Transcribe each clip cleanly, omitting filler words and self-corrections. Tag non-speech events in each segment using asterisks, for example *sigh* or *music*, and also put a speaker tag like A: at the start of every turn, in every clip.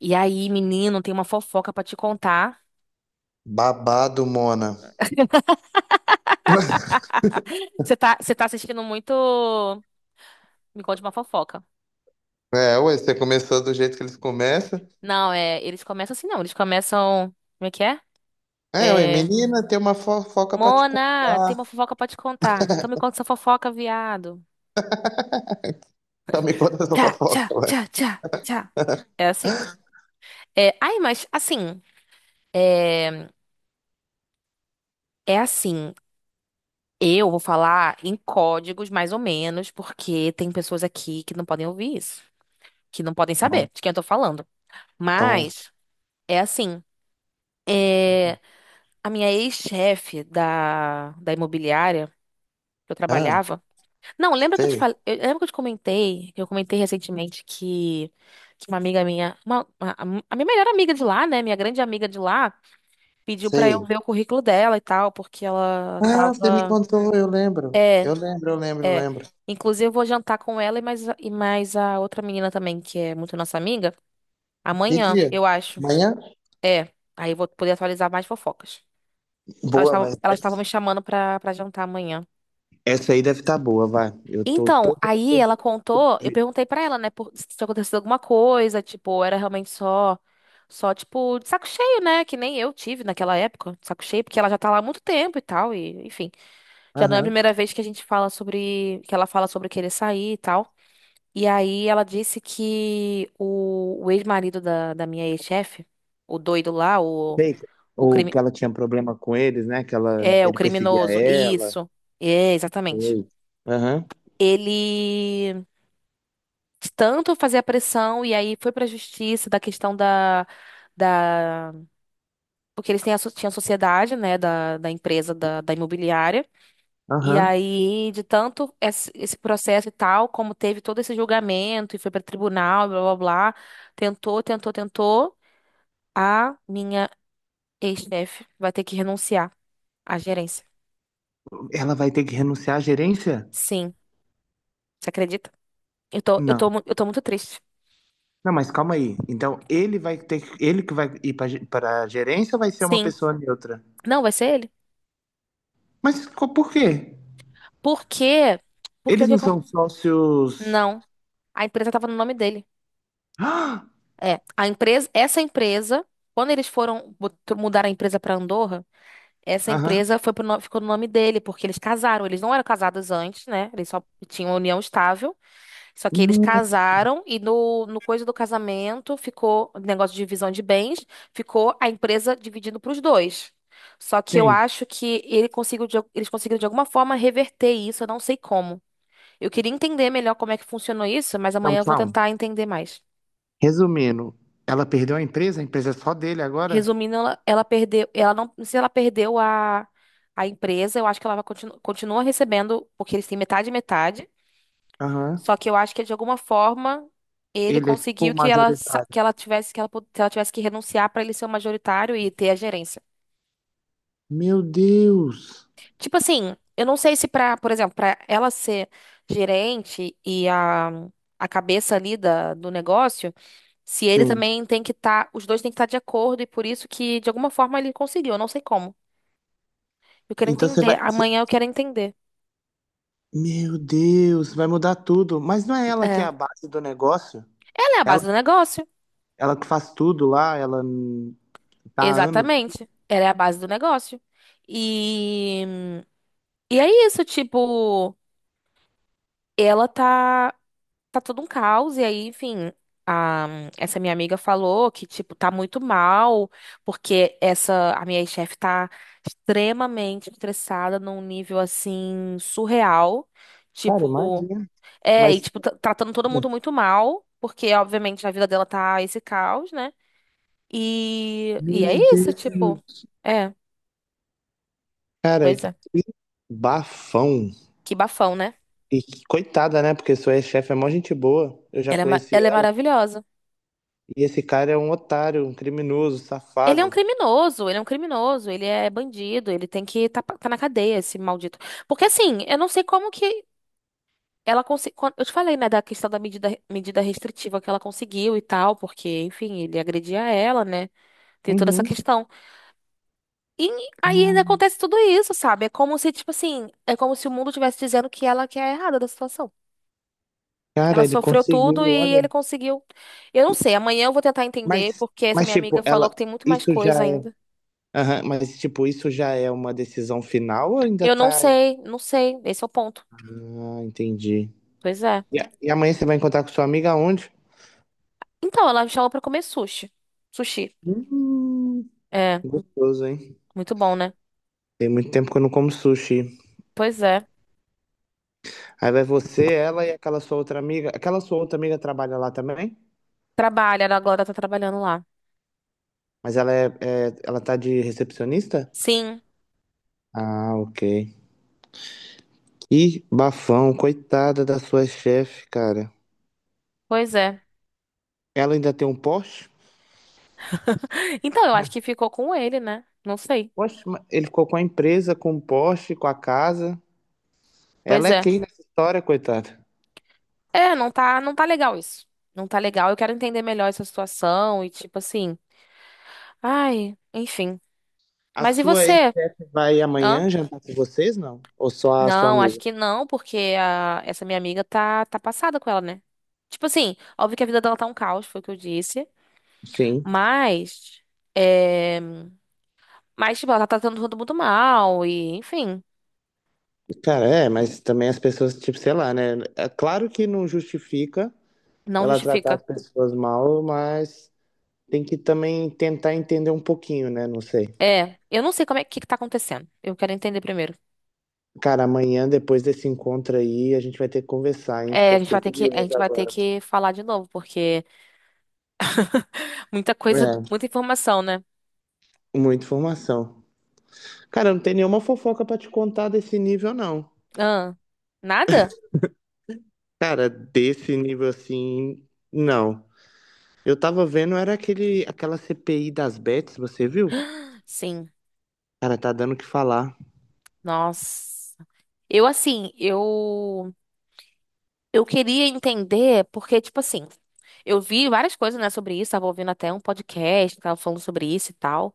A: E aí, menino, tem uma fofoca pra te contar.
B: Babado, Mona.
A: *laughs*
B: *laughs*
A: Você tá assistindo muito. Me conte uma fofoca.
B: Você começou do jeito que eles começam.
A: Não, é. Eles começam assim, não. Eles começam. Como é que é? É.
B: Menina, tem uma fofoca pra te
A: Mona, tem uma
B: contar.
A: fofoca pra te contar. Então me conta essa fofoca, viado.
B: *laughs* Então me conta essa
A: Tchá, tchá,
B: fofoca, ué.
A: tchá, tchá, tchá. É assim.
B: *laughs*
A: É, ai, mas assim. É, é assim. Eu vou falar em códigos, mais ou menos, porque tem pessoas aqui que não podem ouvir isso, que não podem saber
B: Então,
A: de quem eu tô falando.
B: então,
A: Mas é assim. É, a minha ex-chefe da imobiliária que eu
B: ah,
A: trabalhava. Não, lembra que eu te
B: sei,
A: falei, eu, lembra que eu te comentei, que eu comentei recentemente que uma amiga minha, uma, a minha melhor amiga de lá, né, minha grande amiga de lá, pediu pra eu
B: sei.
A: ver o currículo dela e tal, porque ela
B: Ah, você me
A: tava,
B: contou, eu lembro. Eu
A: é,
B: lembro, eu lembro, eu
A: é.
B: lembro.
A: Inclusive eu vou jantar com ela e mais, e mais a outra menina também, que é muito nossa amiga,
B: Que
A: amanhã,
B: dia?
A: eu acho.
B: Amanhã?
A: É. Aí eu vou poder atualizar mais fofocas. Elas
B: Boa,
A: estavam,
B: mas
A: elas estavam
B: essa
A: me chamando pra, pra jantar amanhã.
B: aí deve estar boa, vai. Eu tô
A: Então,
B: todo,
A: aí
B: todo
A: ela contou, eu perguntei pra ela, né, por, se tinha acontecido alguma coisa, tipo, era realmente só, só, tipo, de saco cheio, né, que nem eu tive naquela época, de saco cheio, porque ela já tá lá há muito tempo e tal, e, enfim, já não é a
B: aham.
A: primeira vez que a gente fala sobre, que ela fala sobre querer sair e tal. E aí ela disse que o ex-marido da minha ex-chefe, o doido lá, o,
B: Sei.
A: o
B: Ou que
A: crime,
B: ela tinha problema com eles, né?
A: é, o
B: Ele perseguia
A: criminoso,
B: ela.
A: isso, é, exatamente.
B: Sei. Aham.
A: Ele tanto fazia pressão e aí foi pra justiça da questão da, da porque eles têm a, tinha a sociedade, né, da, da empresa da imobiliária. E
B: Aham.
A: aí, de tanto esse, esse processo e tal, como teve todo esse julgamento e foi pra tribunal, blá blá blá, tentou, tentou, tentou, a minha ex-chefe vai ter que renunciar à gerência.
B: Ela vai ter que renunciar à gerência?
A: Sim, você acredita? Eu tô, eu tô,
B: Não.
A: eu tô muito triste.
B: Não, mas calma aí. Então, ele que vai ir para a gerência ou vai ser uma
A: Sim.
B: pessoa neutra?
A: Não, vai ser ele.
B: Por quê?
A: Porque porque o
B: Eles
A: que,
B: não são sócios.
A: não.
B: *gasps*
A: A empresa estava no nome dele.
B: Ah!
A: É, a empresa, essa empresa, quando eles foram mudar a empresa para Andorra, essa
B: Aham.
A: empresa foi pro ficou no nome dele, porque eles casaram. Eles não eram casados antes, né? Eles só tinham uma união estável. Só que eles
B: Não.
A: casaram e no, no coisa do casamento ficou o negócio de divisão de bens, ficou a empresa dividindo para os dois. Só que eu
B: Sim.
A: acho que ele conseguiu de eles conseguiram de alguma forma reverter isso, eu não sei como. Eu queria entender melhor como é que funcionou isso, mas
B: Não,
A: amanhã eu vou
B: calma.
A: tentar entender mais.
B: Resumindo, ela perdeu a empresa é só dele agora?
A: Resumindo, ela perdeu, ela não, não sei se ela perdeu a empresa, eu acho que ela vai continua recebendo, porque eles têm metade e metade,
B: Aham.
A: só que eu acho que de alguma forma ele
B: Ele é tipo
A: conseguiu
B: o
A: que ela
B: majoritário.
A: que ela tivesse que ela, que ela tivesse que renunciar para ele ser o majoritário e ter a gerência.
B: Meu Deus!
A: Tipo assim, eu não sei se pra, por exemplo, pra ela ser gerente e a cabeça ali da, do negócio, se ele
B: Sim.
A: também tem que estar, os dois têm que estar de acordo e por isso que de alguma forma ele conseguiu, eu não sei como. Eu quero
B: Então você
A: entender,
B: vai. você-
A: amanhã eu quero entender.
B: Meu Deus, vai mudar tudo. Mas não é ela que é
A: É.
B: a base do negócio?
A: Ela é a
B: Ela,
A: base do negócio.
B: ela que faz tudo lá, tá há anos.
A: Exatamente. Ela é a base do negócio. E, e é isso, tipo, ela tá. Tá todo um caos. E aí, enfim, a- essa minha amiga falou que, tipo, tá muito mal, porque essa, a minha chefe tá extremamente estressada num nível, assim, surreal.
B: Cara,
A: Tipo,
B: imagina.
A: é, e,
B: Mas.
A: tipo, tratando todo mundo muito mal, porque, obviamente, a vida dela tá esse caos, né? E é
B: Meu
A: isso, tipo,
B: Deus!
A: é,
B: Cara,
A: pois é,
B: que bafão.
A: que bafão, né?
B: E que coitada, né? Porque sua ex-chefe é mó gente boa. Eu já
A: Ela é,
B: conheci
A: ela é
B: ela.
A: maravilhosa.
B: E esse cara é um otário, um criminoso,
A: Ele é um
B: safado.
A: criminoso, ele é um criminoso, ele é bandido, ele tem que tá, tá na cadeia, esse maldito. Porque assim, eu não sei como que ela conseguiu. Eu te falei, né, da questão da medida, medida restritiva que ela conseguiu e tal, porque, enfim, ele agredia ela, né? Tem toda essa
B: Uhum.
A: questão. E aí ainda acontece tudo isso, sabe? É como se, tipo assim, é como se o mundo estivesse dizendo que ela que é a errada da situação. Ela
B: Cara, ele
A: sofreu tudo
B: conseguiu,
A: e ele
B: olha.
A: conseguiu. Eu não sei, amanhã eu vou tentar entender,
B: Mas,
A: porque essa
B: mas
A: minha amiga
B: tipo,
A: falou
B: ela,
A: que tem muito mais
B: isso
A: coisa
B: já é.
A: ainda.
B: Aham, mas, tipo, isso já é uma decisão final ou ainda
A: Eu não
B: tá.
A: sei, não sei, esse é o ponto.
B: Ah, entendi.
A: Pois é.
B: E amanhã você vai encontrar com sua amiga aonde?
A: Então, ela me chamou pra comer sushi. Sushi.
B: Hum,
A: É,
B: gostoso, hein?
A: muito bom, né?
B: Tem muito tempo que eu não como sushi.
A: Pois é.
B: Aí vai você, ela e aquela sua outra amiga. Aquela sua outra amiga trabalha lá também?
A: Trabalha, a Glória tá trabalhando lá.
B: Ela tá de recepcionista?
A: Sim,
B: Ah, ok. Ih, bafão, coitada da sua chefe, cara.
A: pois é.
B: Ela ainda tem um Porsche?
A: *laughs* Então, eu acho que ficou com ele, né? Não sei.
B: Poxa, mas ele ficou com a empresa, com o Porsche, com a casa.
A: Pois
B: Ela é
A: é.
B: quem nessa história, coitada?
A: É, não tá, não tá legal isso. Não tá legal. Eu quero entender melhor essa situação e tipo assim. Ai, enfim.
B: A
A: Mas e
B: sua
A: você?
B: ex-chefe vai
A: Hã?
B: amanhã jantar com vocês, não? Ou só a sua
A: Não, acho
B: amiga?
A: que não, porque a, essa minha amiga tá, tá passada com ela, né? Tipo assim, óbvio que a vida dela tá um caos, foi o que eu disse.
B: Sim.
A: Mas. É. Mas, tipo, ela tá tratando todo mundo mal e, enfim,
B: Cara, é, mas também as pessoas, tipo, sei lá, né? É claro que não justifica
A: não
B: ela tratar
A: justifica.
B: as pessoas mal, mas tem que também tentar entender um pouquinho, né? Não sei.
A: É, eu não sei como é que tá acontecendo. Eu quero entender primeiro.
B: Cara, amanhã, depois desse encontro aí, a gente vai ter que conversar, hein? Porque
A: É, a
B: eu
A: gente
B: fiquei
A: vai ter que, a
B: curioso
A: gente vai ter
B: agora.
A: que falar de novo, porque muita coisa,
B: É,
A: muita informação, né?
B: muita informação. Cara, não tem nenhuma fofoca pra te contar desse nível, não.
A: Ah, nada?
B: Cara, desse nível assim, não. Eu tava vendo, era aquela CPI das bets, você viu?
A: Sim.
B: Cara, tá dando o que falar.
A: Nossa. Eu, assim, eu queria entender, porque, tipo assim, eu vi várias coisas, né, sobre isso, tava ouvindo até um podcast, que tava falando sobre isso e tal.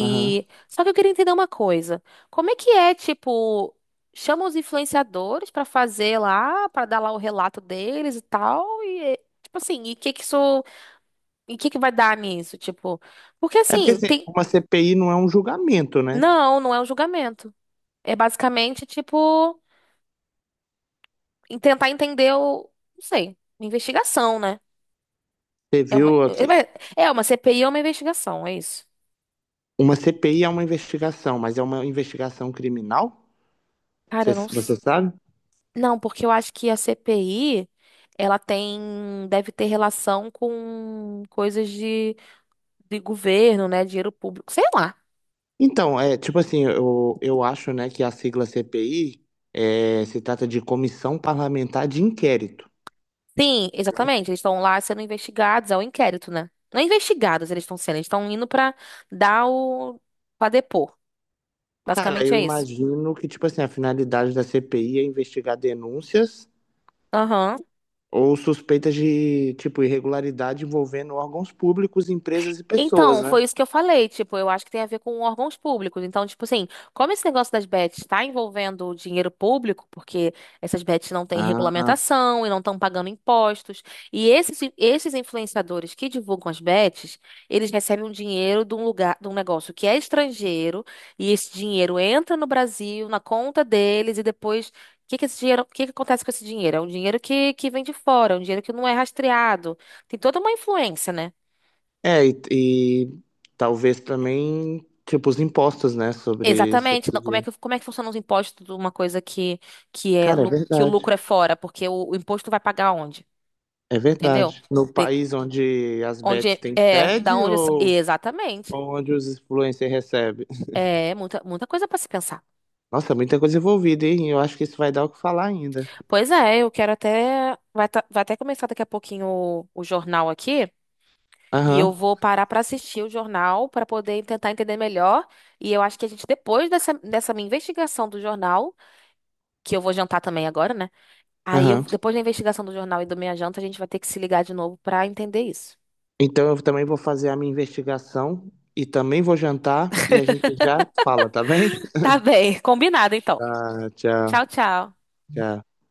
B: Aham.
A: só que eu queria entender uma coisa. Como é que é, tipo, chama os influenciadores pra fazer lá, pra dar lá o relato deles e tal, e é, tipo assim, e que isso, e que vai dar nisso, tipo? Porque
B: É porque
A: assim,
B: assim,
A: tem
B: uma CPI não é um julgamento, né?
A: não, não é um julgamento. É basicamente tipo em tentar entender o, não sei, uma investigação, né?
B: Você
A: É uma,
B: viu
A: é uma
B: aqui?
A: é uma CPI ou uma investigação, é isso.
B: Uma CPI é uma investigação, mas é uma investigação criminal?
A: Cara,
B: Você,
A: eu não,
B: você sabe?
A: não, porque eu acho que a CPI, ela tem, deve ter relação com coisas de governo, né? Dinheiro público, sei lá.
B: Então, é tipo assim, eu acho, né, que a sigla CPI é, se trata de Comissão Parlamentar de Inquérito.
A: Sim, exatamente. Eles estão lá sendo investigados, é o inquérito, né? Não é investigados, eles estão sendo, eles estão indo pra dar o, pra depor.
B: Cara,
A: Basicamente
B: eu
A: é isso.
B: imagino que, tipo assim, a finalidade da CPI é investigar denúncias
A: Aham,
B: ou suspeitas de, tipo, irregularidade envolvendo órgãos públicos, empresas e pessoas,
A: então,
B: né?
A: foi isso que eu falei, tipo, eu acho que tem a ver com órgãos públicos. Então, tipo assim, como esse negócio das bets está envolvendo dinheiro público, porque essas bets não têm
B: Ah,
A: regulamentação e não estão pagando impostos, e esses, esses influenciadores que divulgam as bets, eles recebem um dinheiro de um lugar, de um negócio que é estrangeiro, e esse dinheiro entra no Brasil, na conta deles, e depois, o que que esse dinheiro, o que que acontece com esse dinheiro? É um dinheiro que vem de fora, é um dinheiro que não é rastreado. Tem toda uma influência, né?
B: é, e, e talvez também, tipo, os impostos, né, sobre
A: Exatamente. Não,
B: esse
A: como é
B: dinheiro.
A: que, como é que funcionam os impostos de uma coisa que, é,
B: Cara, é
A: que o
B: verdade.
A: lucro é fora? Porque o imposto vai pagar onde?
B: É
A: Entendeu?
B: verdade. No
A: De-
B: país onde as
A: onde
B: bets
A: é,
B: têm
A: é, da
B: sede
A: onde. Exatamente.
B: ou onde os influencers recebem?
A: É muita, muita coisa para se pensar.
B: Nossa, muita coisa envolvida, hein? Eu acho que isso vai dar o que falar ainda.
A: Pois é, eu quero até. Vai, vai até começar daqui a pouquinho o jornal aqui. E eu
B: Aham,
A: vou parar para assistir o jornal para poder tentar entender melhor. E eu acho que a gente, depois dessa, dessa minha investigação do jornal, que eu vou jantar também agora, né? Aí,
B: aham.
A: depois da investigação do jornal e do meia Janta, a gente vai ter que se ligar de novo pra entender isso.
B: Então eu também vou fazer a minha investigação e também vou jantar e a gente já fala, tá bem?
A: Tá bem. *laughs* Combinado, então.
B: Tá, tchau,
A: Tchau, tchau.
B: tchau.